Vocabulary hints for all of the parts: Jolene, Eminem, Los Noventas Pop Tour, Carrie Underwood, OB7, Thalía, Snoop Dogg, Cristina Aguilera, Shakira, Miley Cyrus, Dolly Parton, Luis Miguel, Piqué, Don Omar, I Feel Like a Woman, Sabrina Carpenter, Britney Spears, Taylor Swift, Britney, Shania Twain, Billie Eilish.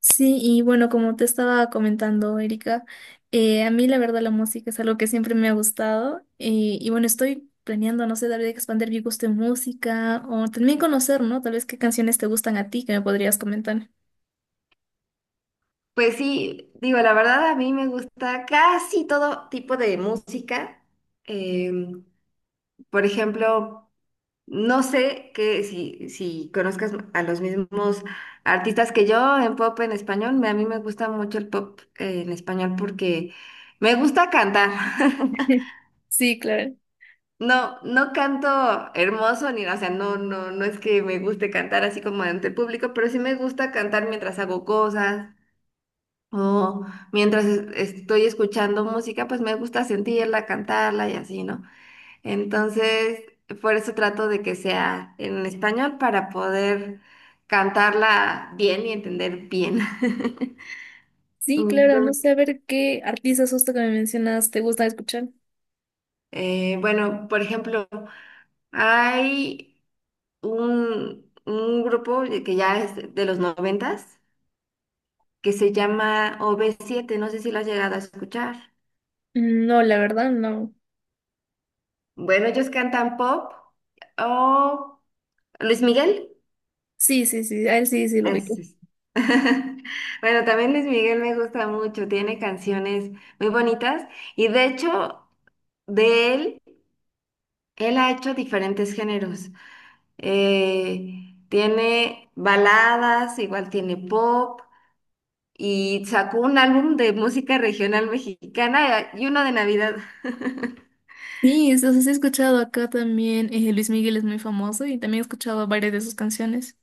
Sí, y bueno, como te estaba comentando, Erika, a mí la verdad la música es algo que siempre me ha gustado y bueno, estoy planeando, no sé, tal vez expandir mi gusto en música o también conocer, ¿no? Tal vez qué canciones te gustan a ti que me podrías comentar. Pues sí, digo, la verdad a mí me gusta casi todo tipo de música. Em, por ejemplo, no sé que si conozcas a los mismos artistas que yo en pop en español, a mí me gusta mucho el pop en español porque me gusta cantar. Sí, claro. No, no canto hermoso ni, o sea, no, no, no es que me guste cantar así como ante el público, pero sí me gusta cantar mientras hago cosas. O mientras estoy escuchando música, pues me gusta sentirla, cantarla y así, ¿no? Entonces, por eso trato de que sea en español para poder cantarla bien y entender bien. Sí, claro, no Entonces, sé, a ver qué artistas justo que me mencionas te gusta escuchar. Bueno, por ejemplo, hay un grupo que ya es de los noventas que se llama OB7, no sé si lo has llegado a escuchar. Mm, no, la verdad, no. Bueno, ellos cantan pop. O Luis Miguel. Sí, sí, sí, a él sí, sí lo Es- ubico. es- Bueno, también Luis Miguel me gusta mucho, tiene canciones muy bonitas y de hecho de él, él ha hecho diferentes géneros. Tiene baladas, igual tiene pop y sacó un álbum de música regional mexicana y uno de Navidad. Sí, entonces he escuchado acá también, Luis Miguel es muy famoso y también he escuchado varias de sus canciones.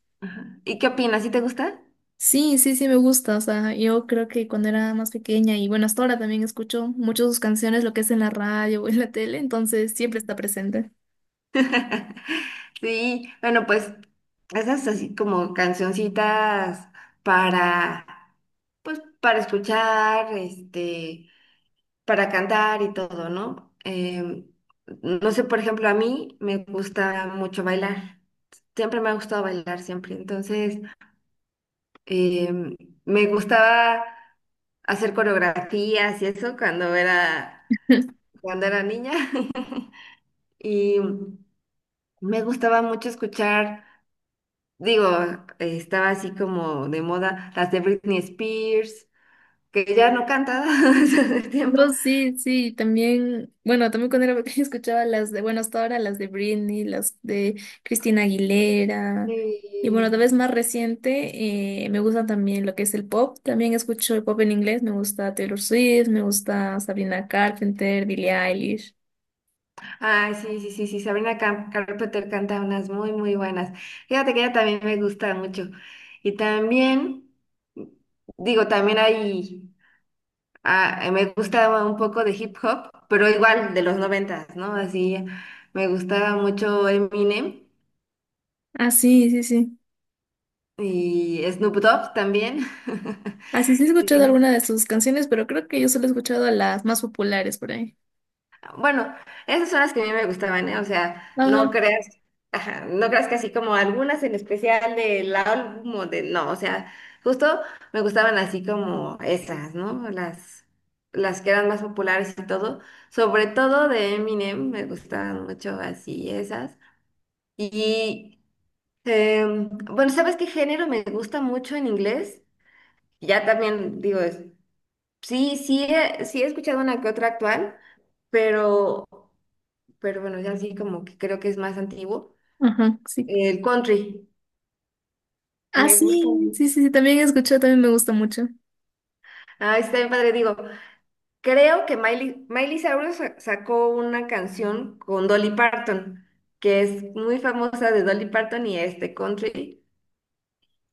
¿Y qué opinas? ¿Sí te gusta? Sí, sí, sí, me gusta. O sea, yo creo que cuando era más pequeña y bueno, hasta ahora también escucho muchas de sus canciones, lo que es en la radio o en la tele, entonces siempre está presente. Sí, bueno, pues esas así como cancioncitas para pues para escuchar, este, para cantar y todo, ¿no? No sé, por ejemplo, a mí me gusta mucho bailar. Siempre me ha gustado bailar, siempre. Entonces, em, me gustaba hacer coreografías y eso cuando era, cuando era niña. Y me gustaba mucho escuchar, digo, estaba así como de moda, las de Britney Spears, que ya no canta hace tiempo. No, sí, sí, también, bueno, también cuando era pequeña escuchaba las de, bueno, hasta ahora las de Britney, las de Cristina Aguilera, y bueno, tal Y, vez más reciente, me gusta también lo que es el pop, también escucho el pop en inglés, me gusta Taylor Swift, me gusta Sabrina Carpenter, Billie Eilish. ay, sí, sí, sí, sí, Sabrina Carpenter canta unas muy, muy buenas. Fíjate que ella también me gusta mucho. Y también, digo, también hay, ah, me gusta un poco de hip hop, pero igual de los noventas, ¿no? Así, me gustaba mucho Eminem Ah, sí, sí, sí. y Snoop Dogg también. Así sí he escuchado alguna de sus canciones, pero creo que yo solo he escuchado las más populares por ahí. Bueno, esas son las que a mí me gustaban, ¿eh? O sea, no Ajá, creas, ajá, no creas que así como algunas en especial del álbum o de, no, o sea, justo me gustaban así como esas, ¿no? Las que eran más populares y todo, sobre todo de Eminem, me gustaban mucho así esas. Y, bueno, ¿sabes qué género me gusta mucho en inglés? Ya también digo, sí, sí, sí he escuchado una que otra actual pero pero bueno, ya sí como que creo que es más antiguo. ajá, sí. El country, Ah, me gusta sí, sí, mucho. sí, sí, también he escuchado, también me gusta mucho. Ah, está bien padre, digo, creo que Miley Cyrus sacó una canción con Dolly Parton, que es muy famosa de Dolly Parton y este country.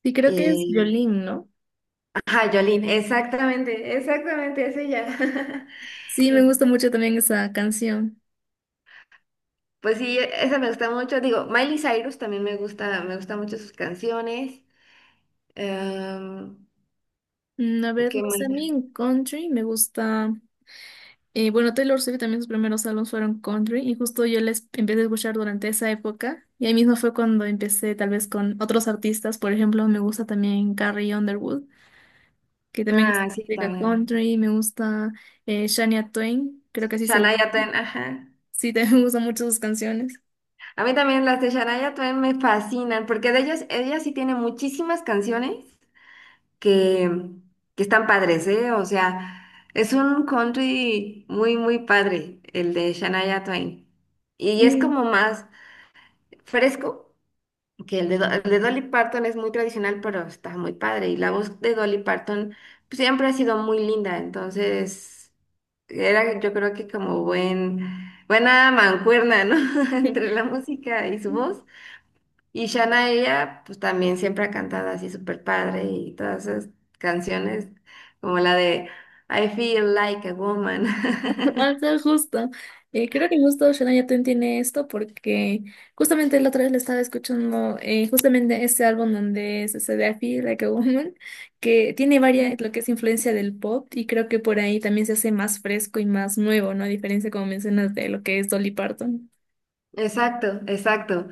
Sí, creo que es Y Jolene, ¿no? ajá, Jolene, exactamente, exactamente, es ella. Sí, me gusta mucho también esa canción. Pues sí, esa me gusta mucho. Digo, Miley Cyrus también me gusta mucho sus canciones. Em, Mm, a ver, no ¿Qué sé, más? a mí en country me gusta... bueno, Taylor Swift también sus primeros álbumes fueron country y justo yo les empecé a escuchar durante esa época y ahí mismo fue cuando empecé tal vez con otros artistas, por ejemplo, me gusta también Carrie Underwood, que también hace Ah, sí, música también. country, me gusta Shania Twain, creo que así se llama. Shania Twain, ajá. Sí, también me gustan mucho sus canciones. A mí también las de Shania Twain me fascinan, porque de ellas, ella sí tiene muchísimas canciones que, que están padres, ¿eh? O sea, es un country muy, muy padre, el de Shania Twain. Y es Sí. como más fresco que el de, el de Dolly Parton, es muy tradicional, pero está muy padre. Y la voz de Dolly Parton pues, siempre ha sido muy linda, entonces. Era, yo creo que como buena mancuerna, ¿no? Entre la música y su voz. Y Shana, ella, pues también siempre ha cantado así súper padre y todas esas canciones, como la de I Feel Like a Woman. Ah, está justo. Creo que justo Shania Twain tiene esto porque justamente la otra vez le estaba escuchando justamente ese álbum donde es ese de I Feel Like a Woman, que tiene varias, lo que es influencia del pop y creo que por ahí también se hace más fresco y más nuevo, ¿no? A diferencia, como mencionas, de lo que es Dolly Parton. Exacto, exacto.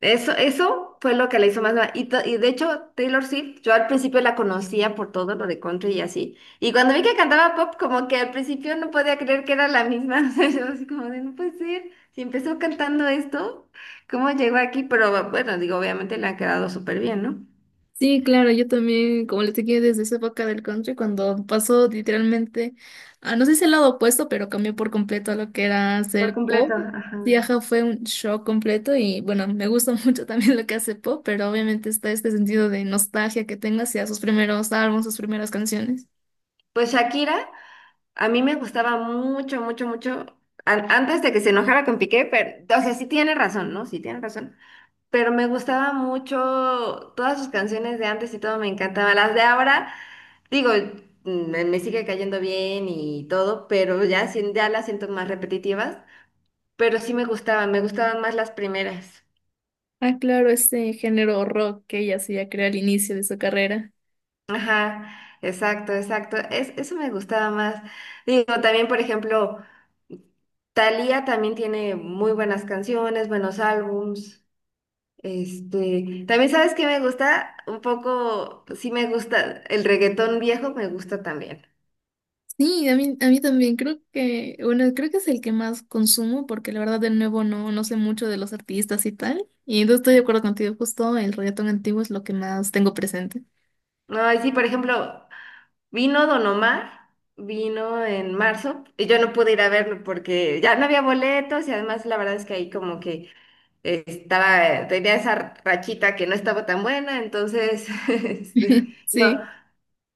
Eso fue lo que la hizo más nueva. Y, y de hecho, Taylor Swift, yo al principio la conocía por todo lo de country y así. Y cuando vi que cantaba pop, como que al principio no podía creer que era la misma. O sea, yo así como de, no puede ser. Si empezó cantando esto, ¿cómo llegó aquí? Pero bueno, digo, obviamente le ha quedado súper bien, ¿no? Sí, claro, yo también, como les dije, desde esa época del country, cuando pasó literalmente, a, no sé si el lado opuesto, pero cambió por completo a lo que era Por hacer completo, pop. Sí, ajá. ajá, fue un shock completo y bueno, me gusta mucho también lo que hace pop, pero obviamente está este sentido de nostalgia que tengo hacia sus primeros álbumes, sus primeras canciones. Pues Shakira, a mí me gustaba mucho, mucho, mucho. Antes de que se enojara con Piqué, pero, o sea, sí tiene razón, ¿no? Sí tiene razón. Pero me gustaba mucho todas sus canciones de antes y todo me encantaba. Las de ahora, digo, me sigue cayendo bien y todo, pero ya, ya las siento más repetitivas, pero sí me gustaban más las primeras. Ah, claro, ese género rock que ella hacía, creo, al inicio de su carrera. Ajá, exacto, exacto. Eso me gustaba más. Digo, también, por ejemplo, Thalía también tiene muy buenas canciones, buenos álbums. Este, también sabes que me gusta un poco, pues, sí me gusta, el reggaetón viejo me gusta también. Sí, a mí también creo que, bueno, creo que es el que más consumo porque la verdad de nuevo no, no sé mucho de los artistas y tal. Y entonces estoy de acuerdo contigo, justo el reggaetón antiguo es lo que más tengo presente. No, y sí, por ejemplo, vino Don Omar, vino en marzo, y yo no pude ir a verlo porque ya no había boletos y además la verdad es que ahí como que estaba, tenía esa rachita que no estaba tan buena, entonces, este, no. Sí,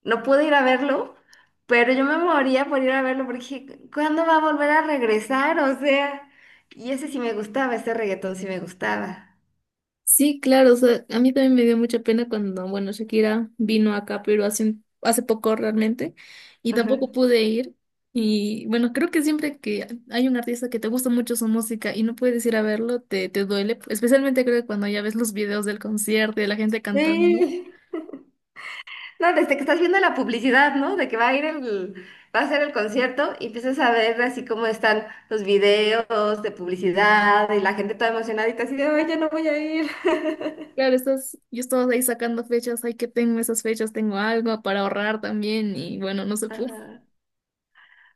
No pude ir a verlo, pero yo me moría por ir a verlo porque dije, ¿cuándo va a volver a regresar? O sea, y ese sí me gustaba, ese reggaetón sí me gustaba. sí, claro, o sea, a mí también me dio mucha pena cuando, bueno, Shakira vino acá, pero hace, hace poco realmente y Ajá. tampoco pude ir. Y bueno, creo que siempre que hay un artista que te gusta mucho su música y no puedes ir a verlo, te duele, especialmente creo que cuando ya ves los videos del concierto y de la gente cantando. Sí. No, desde que estás viendo la publicidad, ¿no? De que va a ir va a ser el concierto y empiezas a ver así como están los videos de publicidad y la gente toda emocionadita así de, ay, ya no voy a ir. Claro, estás, yo estaba ahí sacando fechas, ay, que tengo esas fechas, tengo algo para ahorrar también, y bueno, no se pudo. Ajá.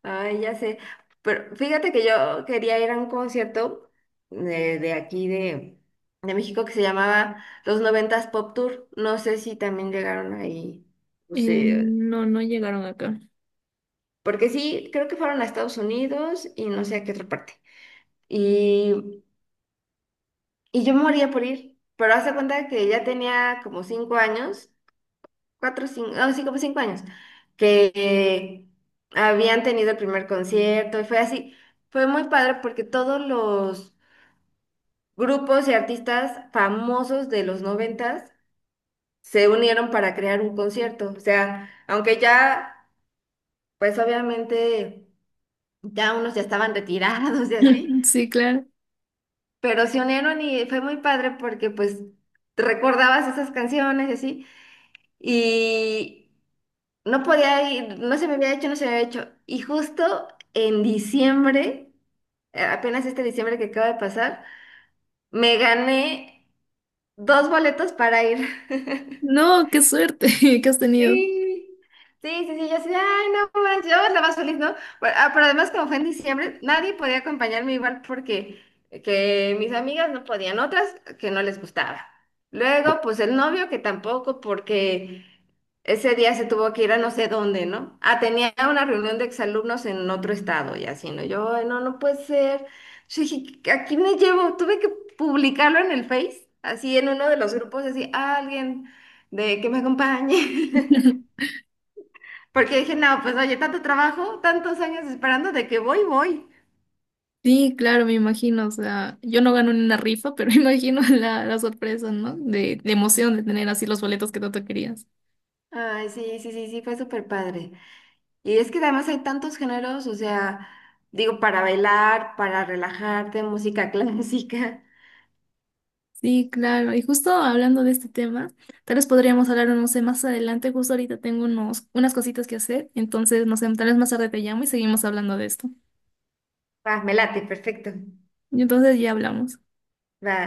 Ay, ya sé. Pero fíjate que yo quería ir a un concierto de aquí de México que se llamaba Los Noventas Pop Tour. No sé si también llegaron ahí. No sé. No, no llegaron acá. Porque sí, creo que fueron a Estados Unidos y no sé a qué otra parte. Y, y yo me moría por ir. Pero hace cuenta que ya tenía como cinco años, cuatro, cinco, no, sí, como cinco años, que habían tenido el primer concierto y fue así. Fue muy padre porque todos los grupos y artistas famosos de los noventas se unieron para crear un concierto. O sea, aunque ya, pues obviamente, ya unos ya estaban retirados y así, Sí, claro. pero se unieron y fue muy padre porque pues recordabas esas canciones y así, y no podía ir, no se me había hecho, no se me había hecho. Y justo en diciembre, apenas este diciembre que acaba de pasar, me gané 2 boletos para ir. No, qué suerte que has tenido. Sí. Sí, sí, sí, yo así, de, ay, no manches, yo la más feliz, ¿no? Pero, ah, pero además, como fue en diciembre, nadie podía acompañarme igual porque que mis amigas no podían, otras que no les gustaba. Luego, pues el novio que tampoco, porque ese día se tuvo que ir a no sé dónde, ¿no? Ah, tenía una reunión de exalumnos en otro estado y así, ¿no? Yo, "Ay, no, no puede ser." Yo dije, ¿a quién me llevo? Tuve que publicarlo en el Face, así en uno de los grupos, así, "Ah, alguien de que me acompañe." Porque dije, no, pues oye, tanto trabajo, tantos años esperando de que voy, voy. Sí, claro, me imagino, o sea, yo no gano en una rifa, pero imagino la sorpresa, ¿no? De emoción de tener así los boletos que tanto querías. Ay, sí, sí, sí, sí, fue súper padre. Y es que además hay tantos géneros, o sea, digo, para bailar, para relajarte, música clásica. Sí, claro, y justo hablando de este tema, tal vez podríamos hablar, no sé, más adelante, justo ahorita tengo unas cositas que hacer, entonces, no sé, tal vez más tarde te llamo y seguimos hablando de esto. Va, me late, perfecto. Y entonces ya hablamos. Va.